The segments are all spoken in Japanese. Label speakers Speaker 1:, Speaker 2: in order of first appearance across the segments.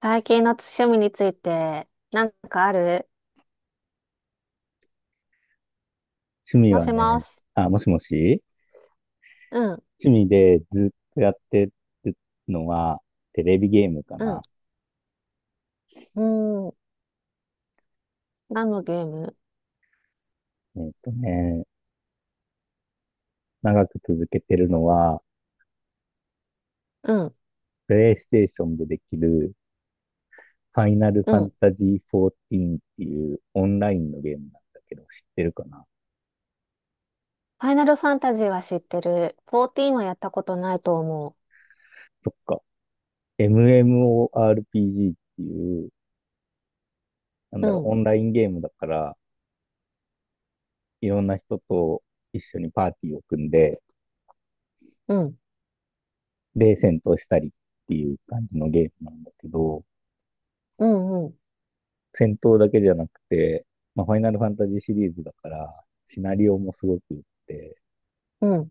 Speaker 1: 最近の趣味について、なんかある？
Speaker 2: 趣味
Speaker 1: も
Speaker 2: は
Speaker 1: しも
Speaker 2: ね、
Speaker 1: し。
Speaker 2: あ、もしもし。
Speaker 1: うん、
Speaker 2: 趣味でずっとやってるのは、テレビゲームか
Speaker 1: う
Speaker 2: な。
Speaker 1: ん、うん。何のゲーム？
Speaker 2: えっとね、長く続けてるのは、
Speaker 1: うん、
Speaker 2: プレイステーションでできる、ファイナル
Speaker 1: う
Speaker 2: ファン
Speaker 1: ん。
Speaker 2: タジー14っていうオンラインのゲームなんだけど、知ってるかな？
Speaker 1: ファイナルファンタジーは知ってる。14はやったことないと思
Speaker 2: そっか。MMORPG っていう、なん
Speaker 1: う。
Speaker 2: だろ
Speaker 1: う
Speaker 2: う、
Speaker 1: ん、
Speaker 2: オンラインゲームだから、いろんな人と一緒にパーティーを組んで、
Speaker 1: うん、
Speaker 2: で、戦闘したりっていう感じのゲームなんだけど、
Speaker 1: うん、うん、
Speaker 2: 戦闘だけじゃなくて、まあ、ファイナルファンタジーシリーズだから、シナリオもすごくって、
Speaker 1: うん、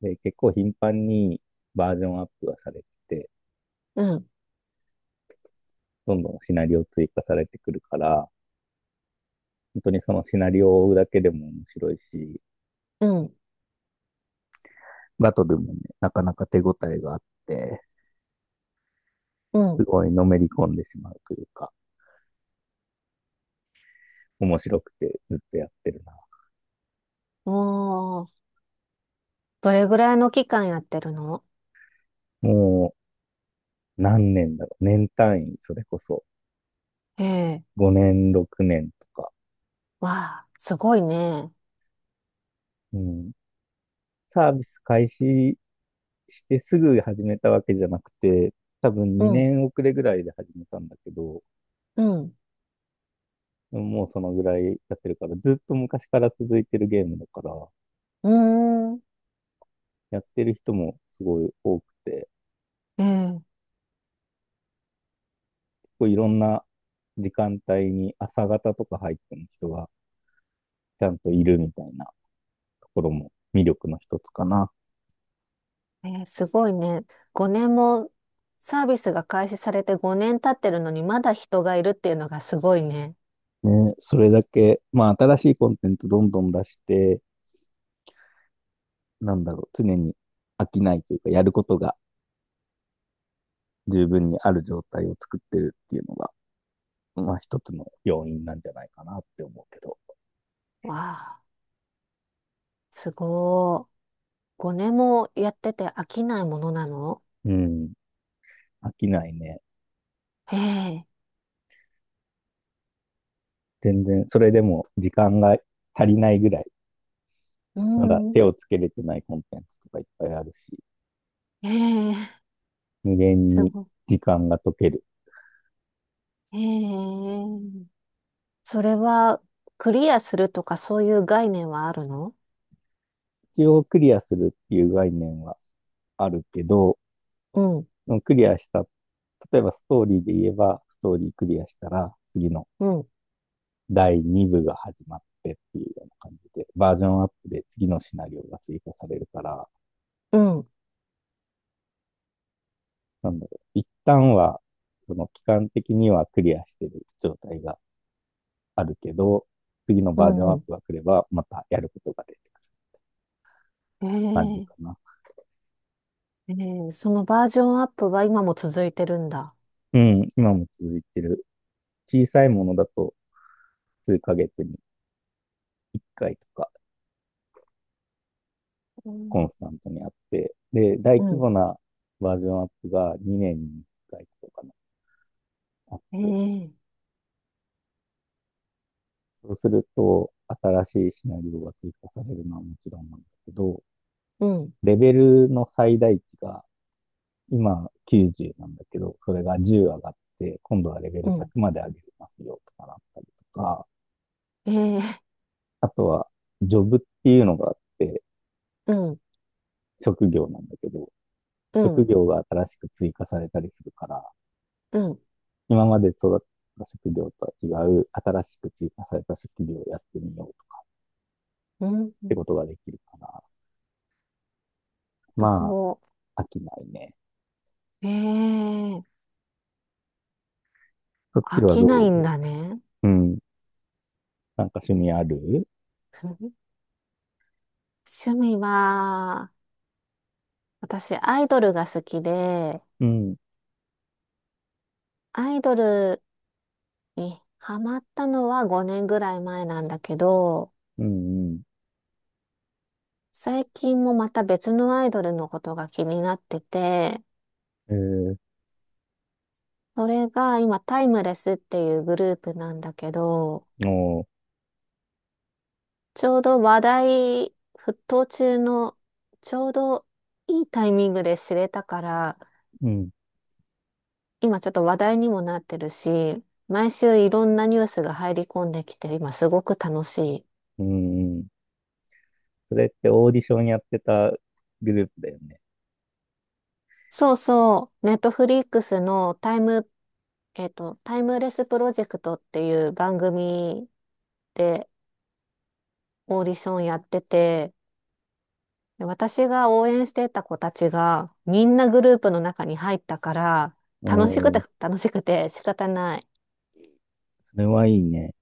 Speaker 2: で、結構頻繁にバージョンアップがされてて、
Speaker 1: うん、
Speaker 2: どんどんシナリオ追加されてくるから、本当にそのシナリオを追うだけでも面白いし、
Speaker 1: うん。
Speaker 2: バトルもね、なかなか手応えがあって、
Speaker 1: う
Speaker 2: す
Speaker 1: ん。
Speaker 2: ごいのめり込んでしまうというか、面白くてずっとやってるな。
Speaker 1: おー、どれぐらいの期間やってるの？
Speaker 2: もう何年だろう。年単位、それこそ。
Speaker 1: ええ、
Speaker 2: 5年、6年とか。
Speaker 1: わあ、すごいね。
Speaker 2: うん。サービス開始してすぐ始めたわけじゃなくて、多分
Speaker 1: う
Speaker 2: 2
Speaker 1: ん、
Speaker 2: 年遅れぐらいで始めたんだけど、
Speaker 1: うん、
Speaker 2: もうそのぐらいやってるから、ずっと昔から続いてるゲームだから、
Speaker 1: うーん。
Speaker 2: やってる人もすごい多くて、
Speaker 1: ええ。
Speaker 2: こういろんな時間帯に朝方とか入ってる人がちゃんといるみたいなところも魅力の一つかな。
Speaker 1: えーすごいね。5年もサービスが開始されて5年経ってるのにまだ人がいるっていうのがすごいね。
Speaker 2: ね、それだけ、まあ新しいコンテンツどんどん出して、なんだろう、常に飽きないというか、やることが十分にある状態を作ってるっていうのが、まあ一つの要因なんじゃないかなって思うけど。
Speaker 1: わあ、すごい。5年もやってて飽きないものなの？
Speaker 2: うん。飽きないね。
Speaker 1: ええ、
Speaker 2: 全然、それでも時間が足りないぐらい、
Speaker 1: う
Speaker 2: まだ
Speaker 1: ん、
Speaker 2: 手をつけれてないコンテンツとかいっぱいあるし、
Speaker 1: ええ、
Speaker 2: 無限
Speaker 1: す
Speaker 2: に
Speaker 1: ごい。
Speaker 2: 時間が解ける。
Speaker 1: ええ、それはクリアするとかそういう概念はあるの？
Speaker 2: 一応クリアするっていう概念はあるけど、
Speaker 1: うん、
Speaker 2: クリアした、例えばストーリーで言えば、ストーリークリアしたら、次の
Speaker 1: うん、
Speaker 2: 第2部が始まってっていうような感じで、バージョンアップで次のシナリオが追加されるから、
Speaker 1: うん、
Speaker 2: なんだろう、一旦は、その期間的にはクリアしてる状態があるけど、次の
Speaker 1: う
Speaker 2: バージョン
Speaker 1: ん、
Speaker 2: ア
Speaker 1: う
Speaker 2: ッ
Speaker 1: ん。
Speaker 2: プが来れば、またやることが出る感じ
Speaker 1: え
Speaker 2: かな。
Speaker 1: え、ええ、そのバージョンアップは今も続いてるんだ。
Speaker 2: うん、今も続いてる。小さいものだと、数ヶ月に1回とか、
Speaker 1: う
Speaker 2: コン
Speaker 1: ん、
Speaker 2: スタントにあって、で、大
Speaker 1: う
Speaker 2: 規
Speaker 1: ん。
Speaker 2: 模なバージョンアップが2年に1回とかかなあって、
Speaker 1: ええ。
Speaker 2: そうすると、新しいシナリオが追加されるのはもちろんなんだけど、
Speaker 1: うん、
Speaker 2: レベルの最大値が今90なんだけど、それが10上がって、今度はレベ
Speaker 1: う
Speaker 2: ル
Speaker 1: ん。
Speaker 2: 100まで上げますよとかなったりとか、
Speaker 1: ええ。
Speaker 2: あとは、ジョブっていうのがあって、
Speaker 1: うん、
Speaker 2: 職業なんだけど、
Speaker 1: う
Speaker 2: 職
Speaker 1: ん、
Speaker 2: 業が新しく追加されたりするから、
Speaker 1: うん、
Speaker 2: 今まで育った職業とは違う、新しく追加された職業をやってみようとか
Speaker 1: うん。
Speaker 2: っ
Speaker 1: う
Speaker 2: てこ
Speaker 1: ん。
Speaker 2: とができるから、
Speaker 1: そ
Speaker 2: ま
Speaker 1: こ、
Speaker 2: あ、飽きないね。
Speaker 1: ええ。
Speaker 2: そっち
Speaker 1: 飽
Speaker 2: は
Speaker 1: きな
Speaker 2: ど
Speaker 1: いん
Speaker 2: う？
Speaker 1: だね。
Speaker 2: うん。なんか趣味ある？
Speaker 1: 趣味は、私、アイドルが好きで、
Speaker 2: うん、
Speaker 1: アイドルにハマったのは5年ぐらい前なんだけど、
Speaker 2: うん、
Speaker 1: 最近もまた別のアイドルのことが気になってて、
Speaker 2: うん。
Speaker 1: それが今、タイムレスっていうグループなんだけど、
Speaker 2: も
Speaker 1: ちょうど話題沸騰中の、ちょうどいいタイミングで知れたから、
Speaker 2: う、うん、
Speaker 1: 今ちょっと話題にもなってるし、毎週いろんなニュースが入り込んできて、今すごく楽しい。
Speaker 2: うん、うん。それってオーディションやってたグループだよね。
Speaker 1: そうそう、ネットフリックスのタイム、タイムレスプロジェクトっていう番組でオーディションやってて、で私が応援してた子たちがみんなグループの中に入ったから、楽しく
Speaker 2: お
Speaker 1: て
Speaker 2: ー、
Speaker 1: 楽しくて仕方ない。
Speaker 2: それはいいね。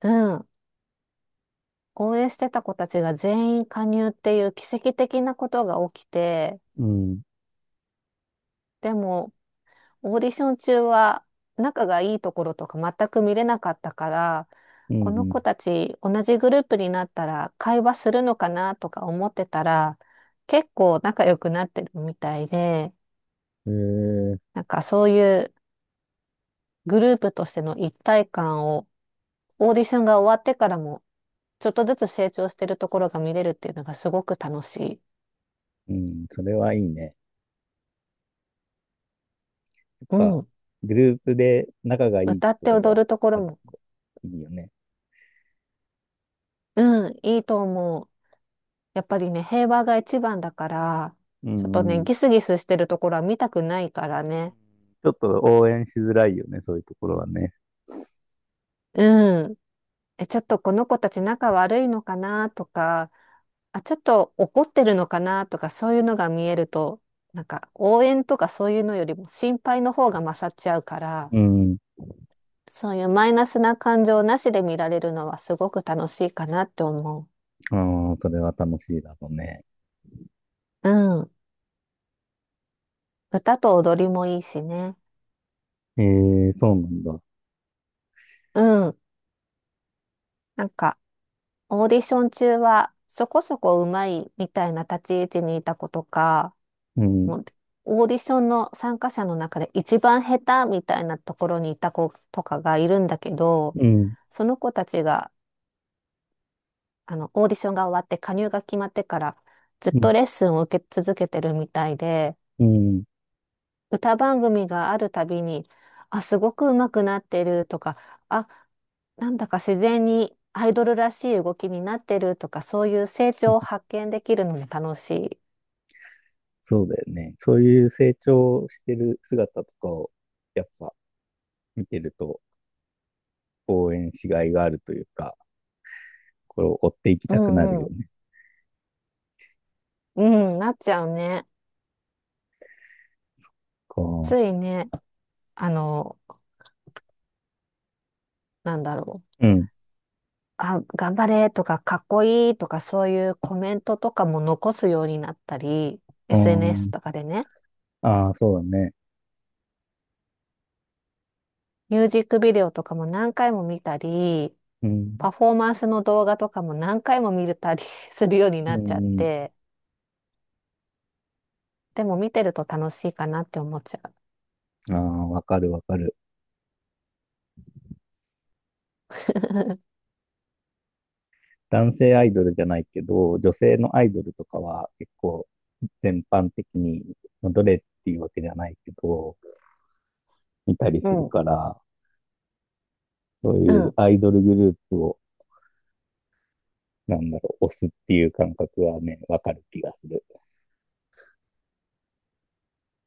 Speaker 1: うん。応援してた子たちが全員加入っていう奇跡的なことが起きて、
Speaker 2: うん、
Speaker 1: でもオーディション中は仲がいいところとか全く見れなかったから、
Speaker 2: う
Speaker 1: この
Speaker 2: ん、
Speaker 1: 子たち同じグループになったら会話するのかなとか思ってたら、結構仲良くなってるみたいで、
Speaker 2: うん。へえ、
Speaker 1: なんかそういうグループとしての一体感をオーディションが終わってからもちょっとずつ成長してるところが見れるっていうのがすごく楽しい。
Speaker 2: うん、それはいいね。やっ
Speaker 1: う
Speaker 2: ぱ、
Speaker 1: ん。
Speaker 2: グループで仲がいい
Speaker 1: 歌
Speaker 2: と
Speaker 1: って
Speaker 2: ころが
Speaker 1: 踊るとこ
Speaker 2: あ
Speaker 1: ろ
Speaker 2: る
Speaker 1: も。
Speaker 2: といいよね。
Speaker 1: うん、いいと思う。やっぱりね、平和が一番だから、
Speaker 2: う
Speaker 1: ちょっと
Speaker 2: ん、う
Speaker 1: ね、
Speaker 2: ん。
Speaker 1: ギスギスしてるところは見たくないからね。
Speaker 2: ちょっと応援しづらいよね、そういうところはね。
Speaker 1: うん。え、ちょっとこの子たち仲悪いのかなとか、あ、ちょっと怒ってるのかなとか、そういうのが見えると、なんか応援とかそういうのよりも心配の方が勝っちゃうから、
Speaker 2: うん。
Speaker 1: そういうマイナスな感情なしで見られるのはすごく楽しいかなって思
Speaker 2: ああ、それは楽しいだろうね。
Speaker 1: う。うん。歌と踊りもいいしね。
Speaker 2: ええ、そうなんだ。
Speaker 1: うん。なんかオーディション中はそこそこうまいみたいな立ち位置にいた子とか、
Speaker 2: うん、
Speaker 1: もうオーディションの参加者の中で一番下手みたいなところにいた子とかがいるんだけど、
Speaker 2: うん、
Speaker 1: その子たちがあのオーディションが終わって加入が決まってからずっ
Speaker 2: うん、
Speaker 1: とレッスンを受け続けてるみたいで、
Speaker 2: うん。
Speaker 1: 歌番組があるたびに、あ、すごく上手くなってるとか、あ、なんだか自然にアイドルらしい動きになってるとか、そういう成長を発見できるのも楽しい。
Speaker 2: そうだよね。そういう成長してる姿とかを、やっぱ見てると応援しがいがあるというか、これを追っていき
Speaker 1: う
Speaker 2: たくなる
Speaker 1: ん
Speaker 2: よ
Speaker 1: うん。
Speaker 2: ね。
Speaker 1: うん、なっちゃうね。
Speaker 2: こ
Speaker 1: ついね、あの、なんだろう。
Speaker 2: う、うん、
Speaker 1: あ、頑張れとか、かっこいいとか、そういうコメントとかも残すようになったり、
Speaker 2: う
Speaker 1: SNS
Speaker 2: ん、
Speaker 1: とかでね、
Speaker 2: ああ、そうだね。
Speaker 1: ミュージックビデオとかも何回も見たり、
Speaker 2: うん、
Speaker 1: パフォーマンスの動画とかも何回も見れたり するように
Speaker 2: う
Speaker 1: なっちゃっ
Speaker 2: ん、
Speaker 1: て、でも見てると楽しいかなって思っちゃ
Speaker 2: うん、ああ、わかるわかる。男性アイドルじゃないけど、女性のアイドルとかは結構全般的に、まあどれっていうわけじゃないけど、見たり
Speaker 1: う。
Speaker 2: する
Speaker 1: ん。うん。
Speaker 2: から、そう
Speaker 1: う
Speaker 2: いう
Speaker 1: ん。
Speaker 2: アイドルグループを、なんだろう、押すっていう感覚はね、わかる気がする。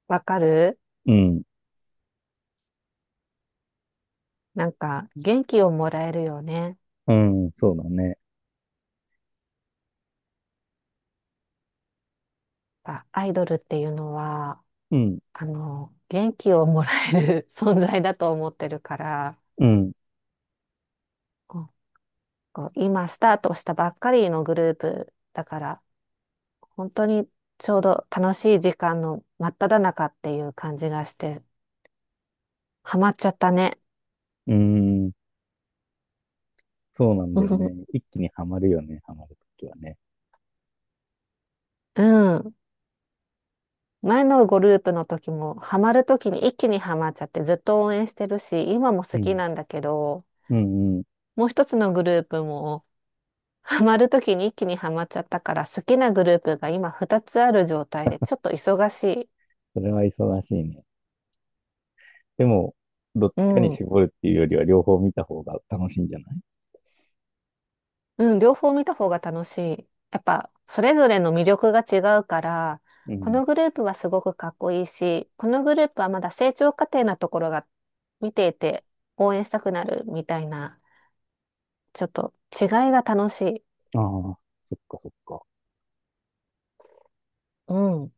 Speaker 1: わかる。
Speaker 2: うん、
Speaker 1: なんか元気をもらえるよね。
Speaker 2: うん、そうだね。
Speaker 1: あ、アイドルっていうのは、
Speaker 2: うん、
Speaker 1: 元気をもらえる 存在だと思ってるから、
Speaker 2: うん、
Speaker 1: こうこう今スタートしたばっかりのグループだから、本当にちょうど楽しい時間の真っ只中っていう感じがして、ハマっちゃったね。
Speaker 2: うん。そうなんだよね。一気にはまるよね、はまるときはね。
Speaker 1: うん。前のグループの時も、ハマる時に一気にハマっちゃってずっと応援してるし、今も
Speaker 2: う
Speaker 1: 好き
Speaker 2: ん。
Speaker 1: なんだけど、
Speaker 2: うんうん。
Speaker 1: もう一つのグループも、ハマる時に一気にハマっちゃったから、好きなグループが今二つある状態で、ちょっと忙しい。
Speaker 2: それは忙しいね。でも、どっ
Speaker 1: う
Speaker 2: ちかに
Speaker 1: ん。
Speaker 2: 絞るっていうよりは、両方見た方が楽しいんじゃない？
Speaker 1: うん、両方見た方が楽しい。やっぱ、それぞれの魅力が違うから、
Speaker 2: う
Speaker 1: こ
Speaker 2: ん。
Speaker 1: のグループはすごくかっこいいし、このグループはまだ成長過程なところが見ていて応援したくなるみたいな、ちょっと違いが楽しい。
Speaker 2: ああ、そっかそっか。
Speaker 1: うん。